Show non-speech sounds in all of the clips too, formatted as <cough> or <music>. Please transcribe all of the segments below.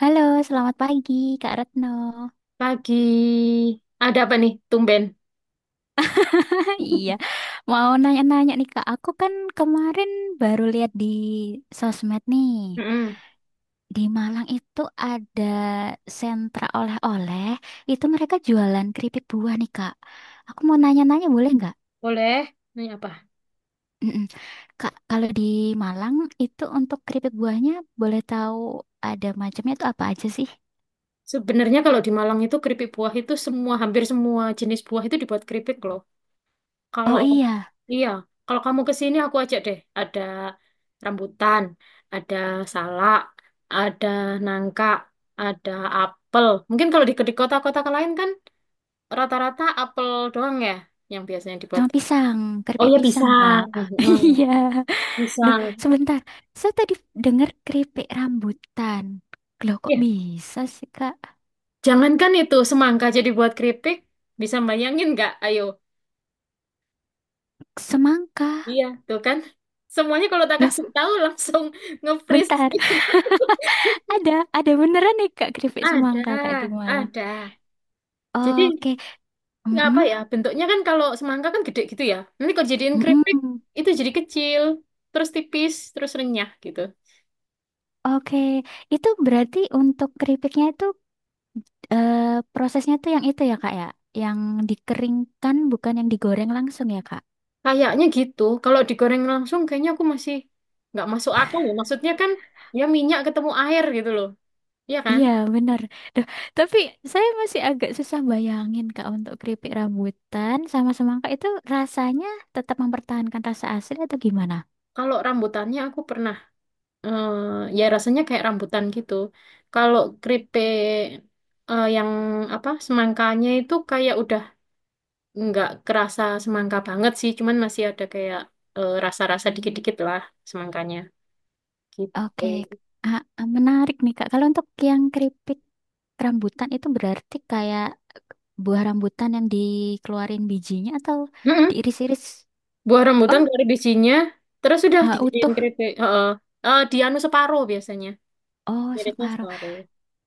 Halo, selamat pagi Kak Retno. Pagi. Ada apa nih, tumben? <laughs> Iya, mau nanya-nanya nih Kak. Aku kan kemarin baru lihat di sosmed nih. Mm-mm. Di Malang itu ada sentra oleh-oleh. Itu mereka jualan keripik buah nih Kak. Aku mau nanya-nanya boleh nggak? Boleh. Ini apa? Mm-mm. Kak, kalau di Malang itu untuk keripik buahnya boleh tahu ada macamnya itu apa aja sih? Sebenarnya kalau di Malang itu keripik buah itu semua, hampir semua jenis buah itu dibuat keripik loh. Oh Kalau, iya, iya, kalau kamu ke sini aku ajak deh. Ada rambutan, ada salak, ada nangka, ada apel. Mungkin kalau di kota-kota lain kan rata-rata apel doang ya yang biasanya dibuat. cuma pisang, Oh keripik ya pisang pisang. Kak. <laughs> Iya. Loh, Pisang. sebentar. Saya tadi dengar keripik rambutan. Loh, kok Iya. bisa sih, Kak? Jangankan itu semangka jadi buat keripik, bisa bayangin nggak? Ayo, Semangka. iya tuh kan. Semuanya kalau tak Loh, kasih tahu langsung nge-freeze. bentar. <laughs> <laughs> Ada, ada beneran nih, Kak, keripik Ada, semangka, Kak, di Malang. ada. Jadi Oke. nggak apa Mm-mm. ya bentuknya kan kalau semangka kan gede gitu ya. Nanti kalau jadiin keripik Mm-mm. itu jadi kecil, terus tipis, terus renyah gitu. Oke. Itu berarti untuk keripiknya itu, prosesnya tuh yang itu ya, Kak, ya? Yang dikeringkan, bukan yang digoreng langsung ya, Kak? Kayaknya gitu. Kalau digoreng langsung kayaknya aku masih nggak masuk akal ya. Maksudnya kan ya minyak ketemu air gitu loh. Iya kan? Iya, benar. Duh, tapi saya masih agak susah bayangin, Kak, untuk keripik rambutan sama semangka itu rasanya tetap mempertahankan rasa asli atau gimana? Kalau rambutannya aku pernah eh ya rasanya kayak rambutan gitu. Kalau keripik yang apa semangkanya itu kayak udah nggak kerasa semangka banget sih, cuman masih ada kayak rasa-rasa dikit-dikit lah semangkanya Oke, gitu. ah, ah, menarik nih, Kak. Kalau untuk yang keripik rambutan itu berarti kayak buah rambutan yang dikeluarin bijinya atau Mm-mm. diiris-iris? Buah rambutan Oh, dari bijinya, terus udah ah, dijadiin utuh. keripik. Heeh. Di anu separuh biasanya, Oh, mirisnya separuh. separuh.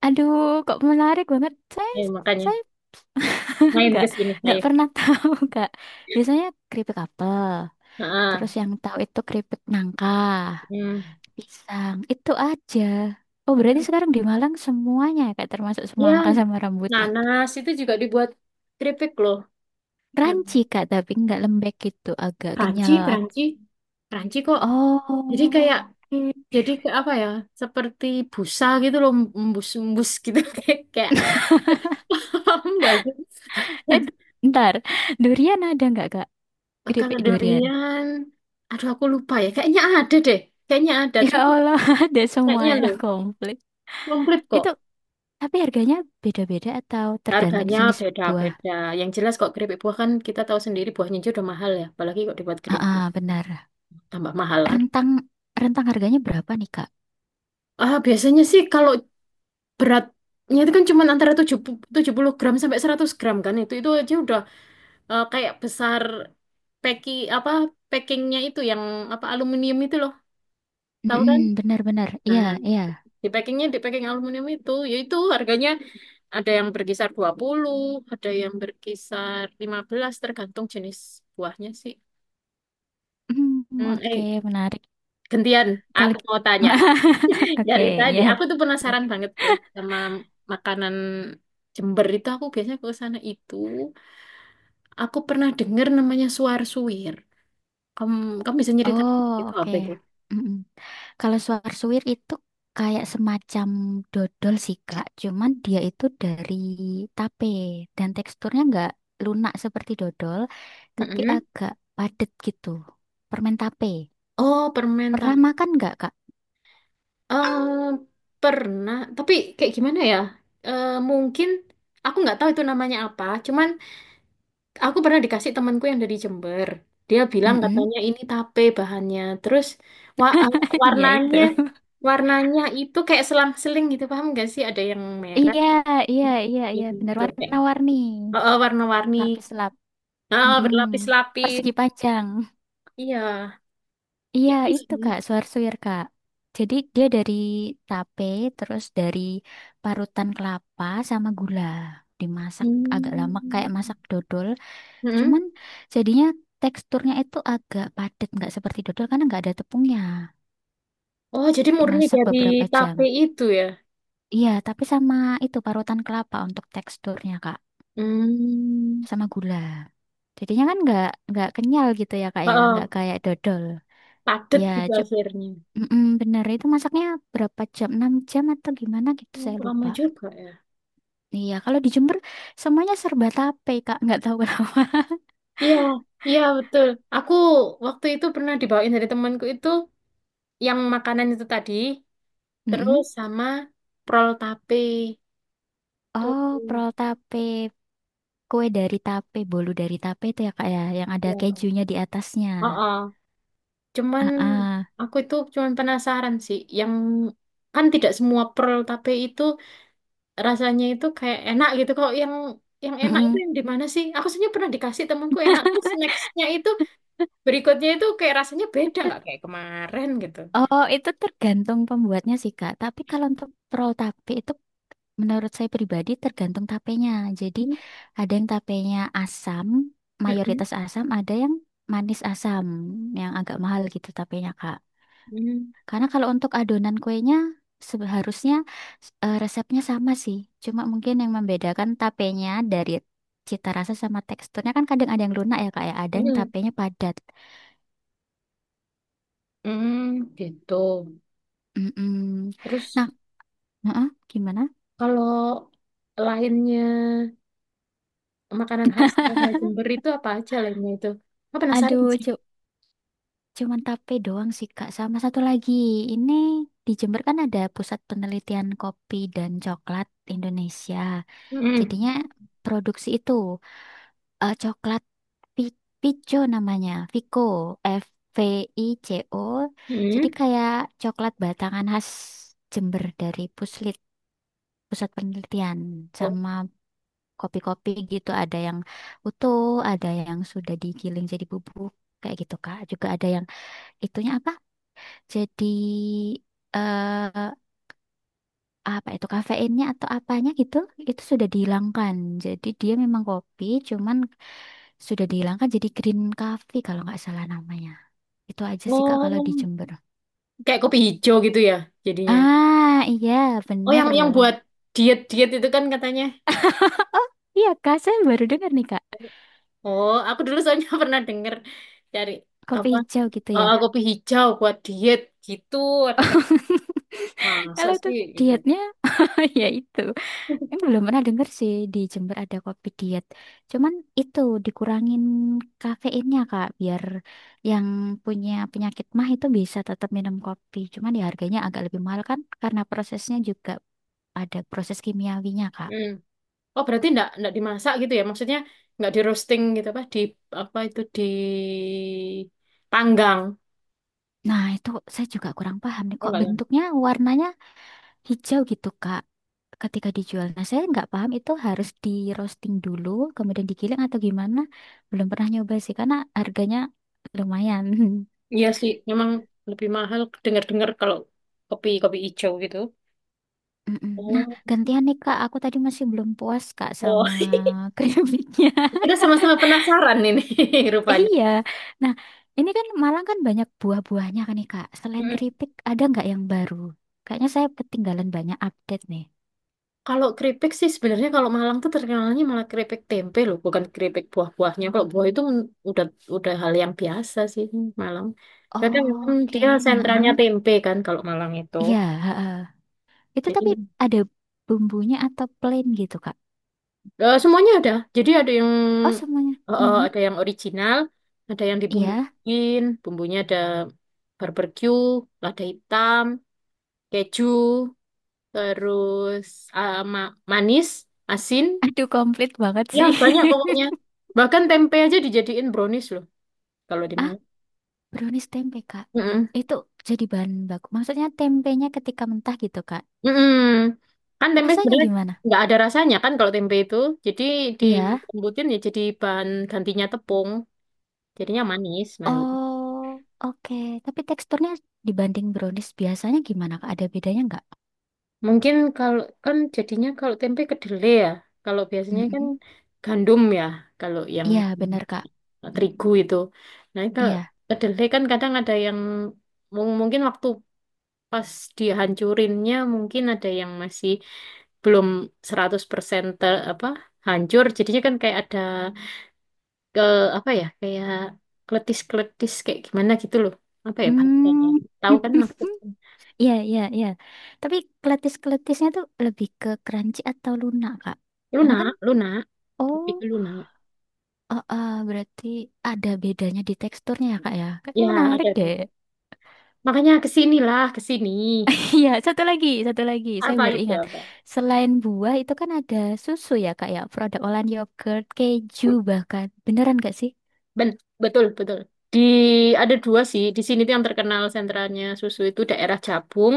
Aduh, kok menarik banget. Saya, Makanya saya <laughs> main nggak, ke sini, nggak ayo. pernah <laughs> tahu, Kak. Biasanya keripik apel. Heeh. Terus yang tahu itu keripik nangka, Hmm. pisang, itu aja. Oh, berarti sekarang di Malang semuanya ya, Kak, termasuk Ya, semangka sama rambutan. nanas itu juga dibuat keripik loh. Nah, Ranci, Kak, tapi nggak lembek gitu, agak kenyal. Pranci, Pranci, Pranci kok. Jadi Oh, kayak oke. jadi ke apa ya? Seperti busa gitu loh, embus-embus gitu <laughs> kayak kayak <laughs> paham nggak sih? Eh, ntar. Durian ada nggak, Kak? Kalau Keripik durian. durian, aduh aku lupa ya. Kayaknya ada deh, kayaknya ada. Ya Cuma Allah, <laughs> ada kayaknya semuanya loh, komplit. komplit Itu, kok. tapi harganya beda-beda atau tergantung Harganya jenis buah? beda-beda. Yang jelas kok keripik buah kan kita tahu sendiri buahnya aja udah mahal ya. Apalagi kok dibuat Ah, keripik ah, benar. tambah mahal lagi. Rentang, rentang harganya berapa nih, Kak? Ah, biasanya sih kalau beratnya itu kan cuma antara tujuh puluh gram sampai 100 gram. Kan itu aja udah kayak besar, packing apa packingnya itu yang apa, aluminium itu loh, tahu kan? Benar-benar. Iya, Nah, iya. Di packing aluminium itu, yaitu harganya ada yang berkisar 20, ada yang berkisar 15, tergantung jenis buahnya sih. Hmm, eh Oke, menarik. gantian Kali aku mau tanya. <laughs> <laughs> Oke, Dari tadi ya. aku tuh penasaran Gitu. banget tuh sama makanan Jember itu, aku biasanya ke sana itu. Aku pernah dengar namanya suar-suir. Em, Kamu bisa nyeritain Oh, itu oke. apa itu? Mm-mm. Kalau suar-suwir itu kayak semacam dodol sih, Kak. Cuman dia itu dari tape dan teksturnya nggak lunak seperti dodol, tapi Mm-mm. agak padat gitu. Permen tape. Oh, permen Pernah tahu. makan nggak, Kak? Eh, Pernah, tapi kayak gimana ya? Mungkin aku nggak tahu itu namanya apa. Cuman aku pernah dikasih temanku yang dari Jember. Dia bilang Mm-mm. katanya ini tape bahannya. Terus wa- eh, <laughs> Ya warnanya itu. warnanya itu kayak selang-seling gitu, paham nggak sih? Ada yang merah, Iya, iya, iya, iya. Benar gitu kayak warna-warni. Warna-warni. Lapis lap. Ah, Mm-mm. berlapis-lapis. Persegi panjang. Iya. Iya, Ini itu sih. Kak, suwir-suwir Kak. Jadi dia dari tape, terus dari parutan kelapa sama gula. Dimasak agak lama kayak Hmm. masak dodol. Cuman Mm-mm. jadinya teksturnya itu agak padat, nggak seperti dodol karena nggak ada tepungnya. Oh, jadi murni Dimasak dari beberapa jam. tape itu ya? Iya, tapi sama itu parutan kelapa untuk teksturnya Kak, Hmm. sama gula. Jadinya kan nggak kenyal gitu ya Kak ya, nggak Oh, kayak dodol. padat Ya, gitu akhirnya. mm-mm, bener, itu masaknya berapa jam? 6 jam atau gimana gitu, Oh, saya lama lupa. juga ya. Iya, kalau di Jember semuanya serba tape, Kak. Nggak tahu kenapa. Iya, iya betul. Aku waktu itu pernah dibawain dari temanku itu yang makanan itu tadi, <laughs> terus Mm-mm. sama prol tape tuh. Oh, prol tape. Kue dari tape, bolu dari tape itu ya, Kak, ya. Yang ada Ya. kejunya di atasnya. Oh, oh. Cuman Ah, ah. aku itu cuman penasaran sih, yang kan tidak semua prol tape itu rasanya itu kayak enak gitu kok. Yang enak itu Mm-mm. yang di mana sih? Aku sebenarnya pernah dikasih temanku enak, terus nextnya itu berikutnya itu kayak rasanya beda, nggak kayak kemarin gitu. Oh, itu tergantung pembuatnya sih, Kak. Tapi kalau untuk prol tape itu, menurut saya pribadi tergantung tapenya. Jadi Hmm, ada yang tapenya asam, mm, mayoritas asam, ada yang manis asam, yang agak mahal gitu tapenya, Kak. mm, Karena kalau untuk adonan kuenya seharusnya, resepnya sama sih. Cuma mungkin yang membedakan tapenya dari cita rasa sama teksturnya kan kadang ada yang lunak ya, Kak ya. Ada mm, yang mm, tapenya padat. mm, gitu Mm-mm. terus Nah, heeh, gimana? kalau lainnya makanan khasnya Jember itu apa aja lainnya itu, aku penasaran Aduh, sih. cuman tape doang sih Kak. Sama satu lagi, ini di Jember kan ada Pusat Penelitian Kopi dan Coklat Indonesia. Jadinya Mm, produksi itu, coklat Pico namanya, Vico, F Vico. Jadi mm. kayak coklat batangan khas Jember dari Puslit, Pusat Penelitian, Oh, sama kopi-kopi gitu ada yang utuh, ada yang sudah digiling jadi bubuk kayak gitu Kak. Juga ada yang itunya apa? Jadi, eh apa itu kafeinnya atau apanya gitu itu sudah dihilangkan. Jadi dia memang kopi cuman sudah dihilangkan, jadi green coffee kalau nggak salah namanya. Itu aja sih Kak kalau di oh, Jember. kayak kopi hijau gitu ya jadinya. Ah, iya Oh, bener. yang buat diet diet itu kan katanya. <laughs> Oh, iya Kak, saya baru dengar nih Kak. Oh, aku dulu soalnya <laughs> pernah denger cari Kopi apa hijau gitu ya. Kopi hijau buat diet gitu. Ada <laughs> masuk Kalau tuh sih gitu. dietnya <laughs> ya itu. Ini belum pernah denger sih di Jember ada kopi diet. Cuman itu dikurangin kafeinnya Kak, biar yang punya penyakit mah itu bisa tetap minum kopi. Cuman ya harganya agak lebih mahal kan karena prosesnya juga ada proses kimiawinya Kak. Hmm. Oh, berarti enggak dimasak gitu ya? Maksudnya enggak di roasting gitu apa di apa itu di panggang. Nah itu saya juga kurang paham nih Oh, kok enggak ya? bentuknya warnanya hijau gitu Kak. Ketika dijual, nah saya nggak paham itu harus di roasting dulu, kemudian digiling atau gimana? Belum pernah nyoba sih karena harganya lumayan. <laughs> Iya sih, memang lebih mahal dengar-dengar kalau kopi kopi hijau gitu. Mm-mm. Nah, Oh, gantian nih Kak, aku tadi masih belum puas Kak oh. sama <laughs> <laughs> keripiknya. Kita sama-sama penasaran ini <laughs> rupanya. Iya. Nah, ini kan Malang kan banyak buah-buahnya kan nih Kak. Selain Hmm. keripik, ada nggak yang baru? Kayaknya saya ketinggalan banyak update nih. Kalau keripik sih sebenarnya kalau Malang tuh terkenalnya malah keripik tempe loh, bukan keripik buah-buahnya. Kalau buah itu udah hal yang biasa sih Malang. Jadi memang Oke, dia sentranya heeh. tempe kan kalau Malang itu. Iya, heeh. Itu tapi Jadi ada bumbunya atau plain gitu Kak? Semuanya ada. Jadi Oh, semuanya. Mm-mm. ada yang original, ada yang Iya. dibumbuin, bumbunya ada barbeque, lada hitam, keju, terus manis, asin. <laughs> Aduh, komplit banget Ya, sih. banyak pokoknya. <laughs> Bahkan tempe aja dijadiin brownies loh, kalau di Ah, Malang. brownies tempe, Kak. Mm-mm. Itu jadi bahan baku. Maksudnya tempenya ketika mentah gitu, Kak. Mm-mm. Kan tempe Rasanya sebenarnya gimana? nggak ada rasanya kan kalau tempe itu. Jadi Iya. dilembutin ya jadi bahan gantinya tepung. Jadinya manis, manis. Oh, oke. Tapi teksturnya dibanding brownies biasanya gimana, Kak? Ada bedanya nggak? Mungkin kalau kan jadinya kalau tempe kedelai ya. Kalau biasanya kan Mm-mm. gandum ya, kalau yang Iya, benar, Kak. Mm, terigu itu. Nah, kalau iya. kedelai kan kadang ada yang mungkin waktu pas dihancurinnya mungkin ada yang masih belum 100% apa hancur, jadinya kan kayak ada ke apa ya, kayak kletis-kletis kayak gimana gitu loh, apa ya bahasanya, Hmm. tahu kan maksudnya. <laughs> Iya, iya, iya. Tapi keletis-keletisnya tuh lebih ke crunchy atau lunak, Kak? Karena kan, Lunak, lunak, oh, lebih ke lunak. Berarti ada bedanya di teksturnya ya, Kak, ya? Kayaknya Ya, ada, menarik ada. deh. Makanya kesinilah, kesini. Iya, satu lagi, satu lagi. Saya Apa baru itu, ingat. apa? Selain buah itu kan ada susu ya, Kak ya. Produk olahan yogurt, keju bahkan. Beneran gak sih? Ben, betul, betul, di ada dua sih di sini tuh yang terkenal sentralnya susu, itu daerah Jabung,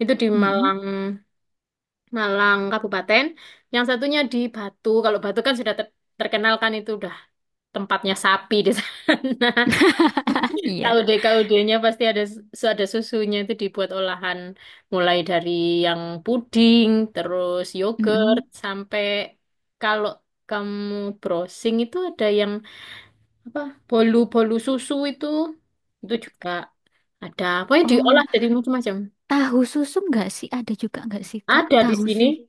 itu di Mm-mm. Malang, Malang Kabupaten. Yang satunya di Batu. Kalau Batu kan sudah terkenal kan, itu udah tempatnya sapi di sana. <laughs> <laughs> Iya. Kaude-kaudenya pasti ada susunya itu dibuat olahan mulai dari yang puding, terus yogurt, Mm-mm. sampai kalau kamu browsing itu ada yang apa bolu-bolu susu itu juga ada. Pokoknya diolah Oh, dari macam-macam. tahu susu nggak sih? Ada juga nggak sih, Kak? Ada di Tahu sini. susu.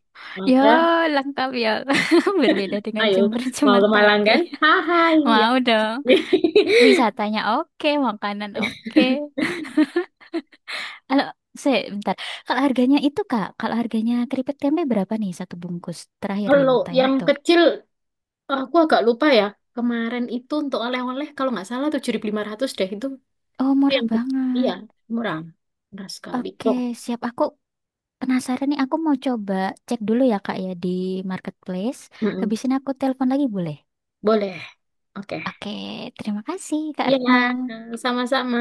Ya, Ada. lengkap ya. <laughs> Berbeda dengan Ayo, Jember mau cuman ke Malang tape. kan? Hai, <laughs> ya. Mau dong. <laughs> Wisatanya oke, makanan oke. Kalau saya bentar. Kalau harganya itu, Kak, kalau harganya keripik tempe berapa nih satu bungkus? Terakhir nih Kalau mau tanya yang itu. kecil, aku agak lupa ya. Kemarin itu untuk oleh-oleh, kalau nggak salah 7.500 deh. Oh, Itu murah yang kecil. Iya, banget. murah. Murah sekali. Oke, Oh, siap. Aku penasaran nih. Aku mau coba cek dulu ya, Kak, ya di marketplace. mm-mm. Habis ini aku telepon lagi, boleh? Boleh. Oke. Oke, terima kasih, Kak Iya, Retno. sama-sama.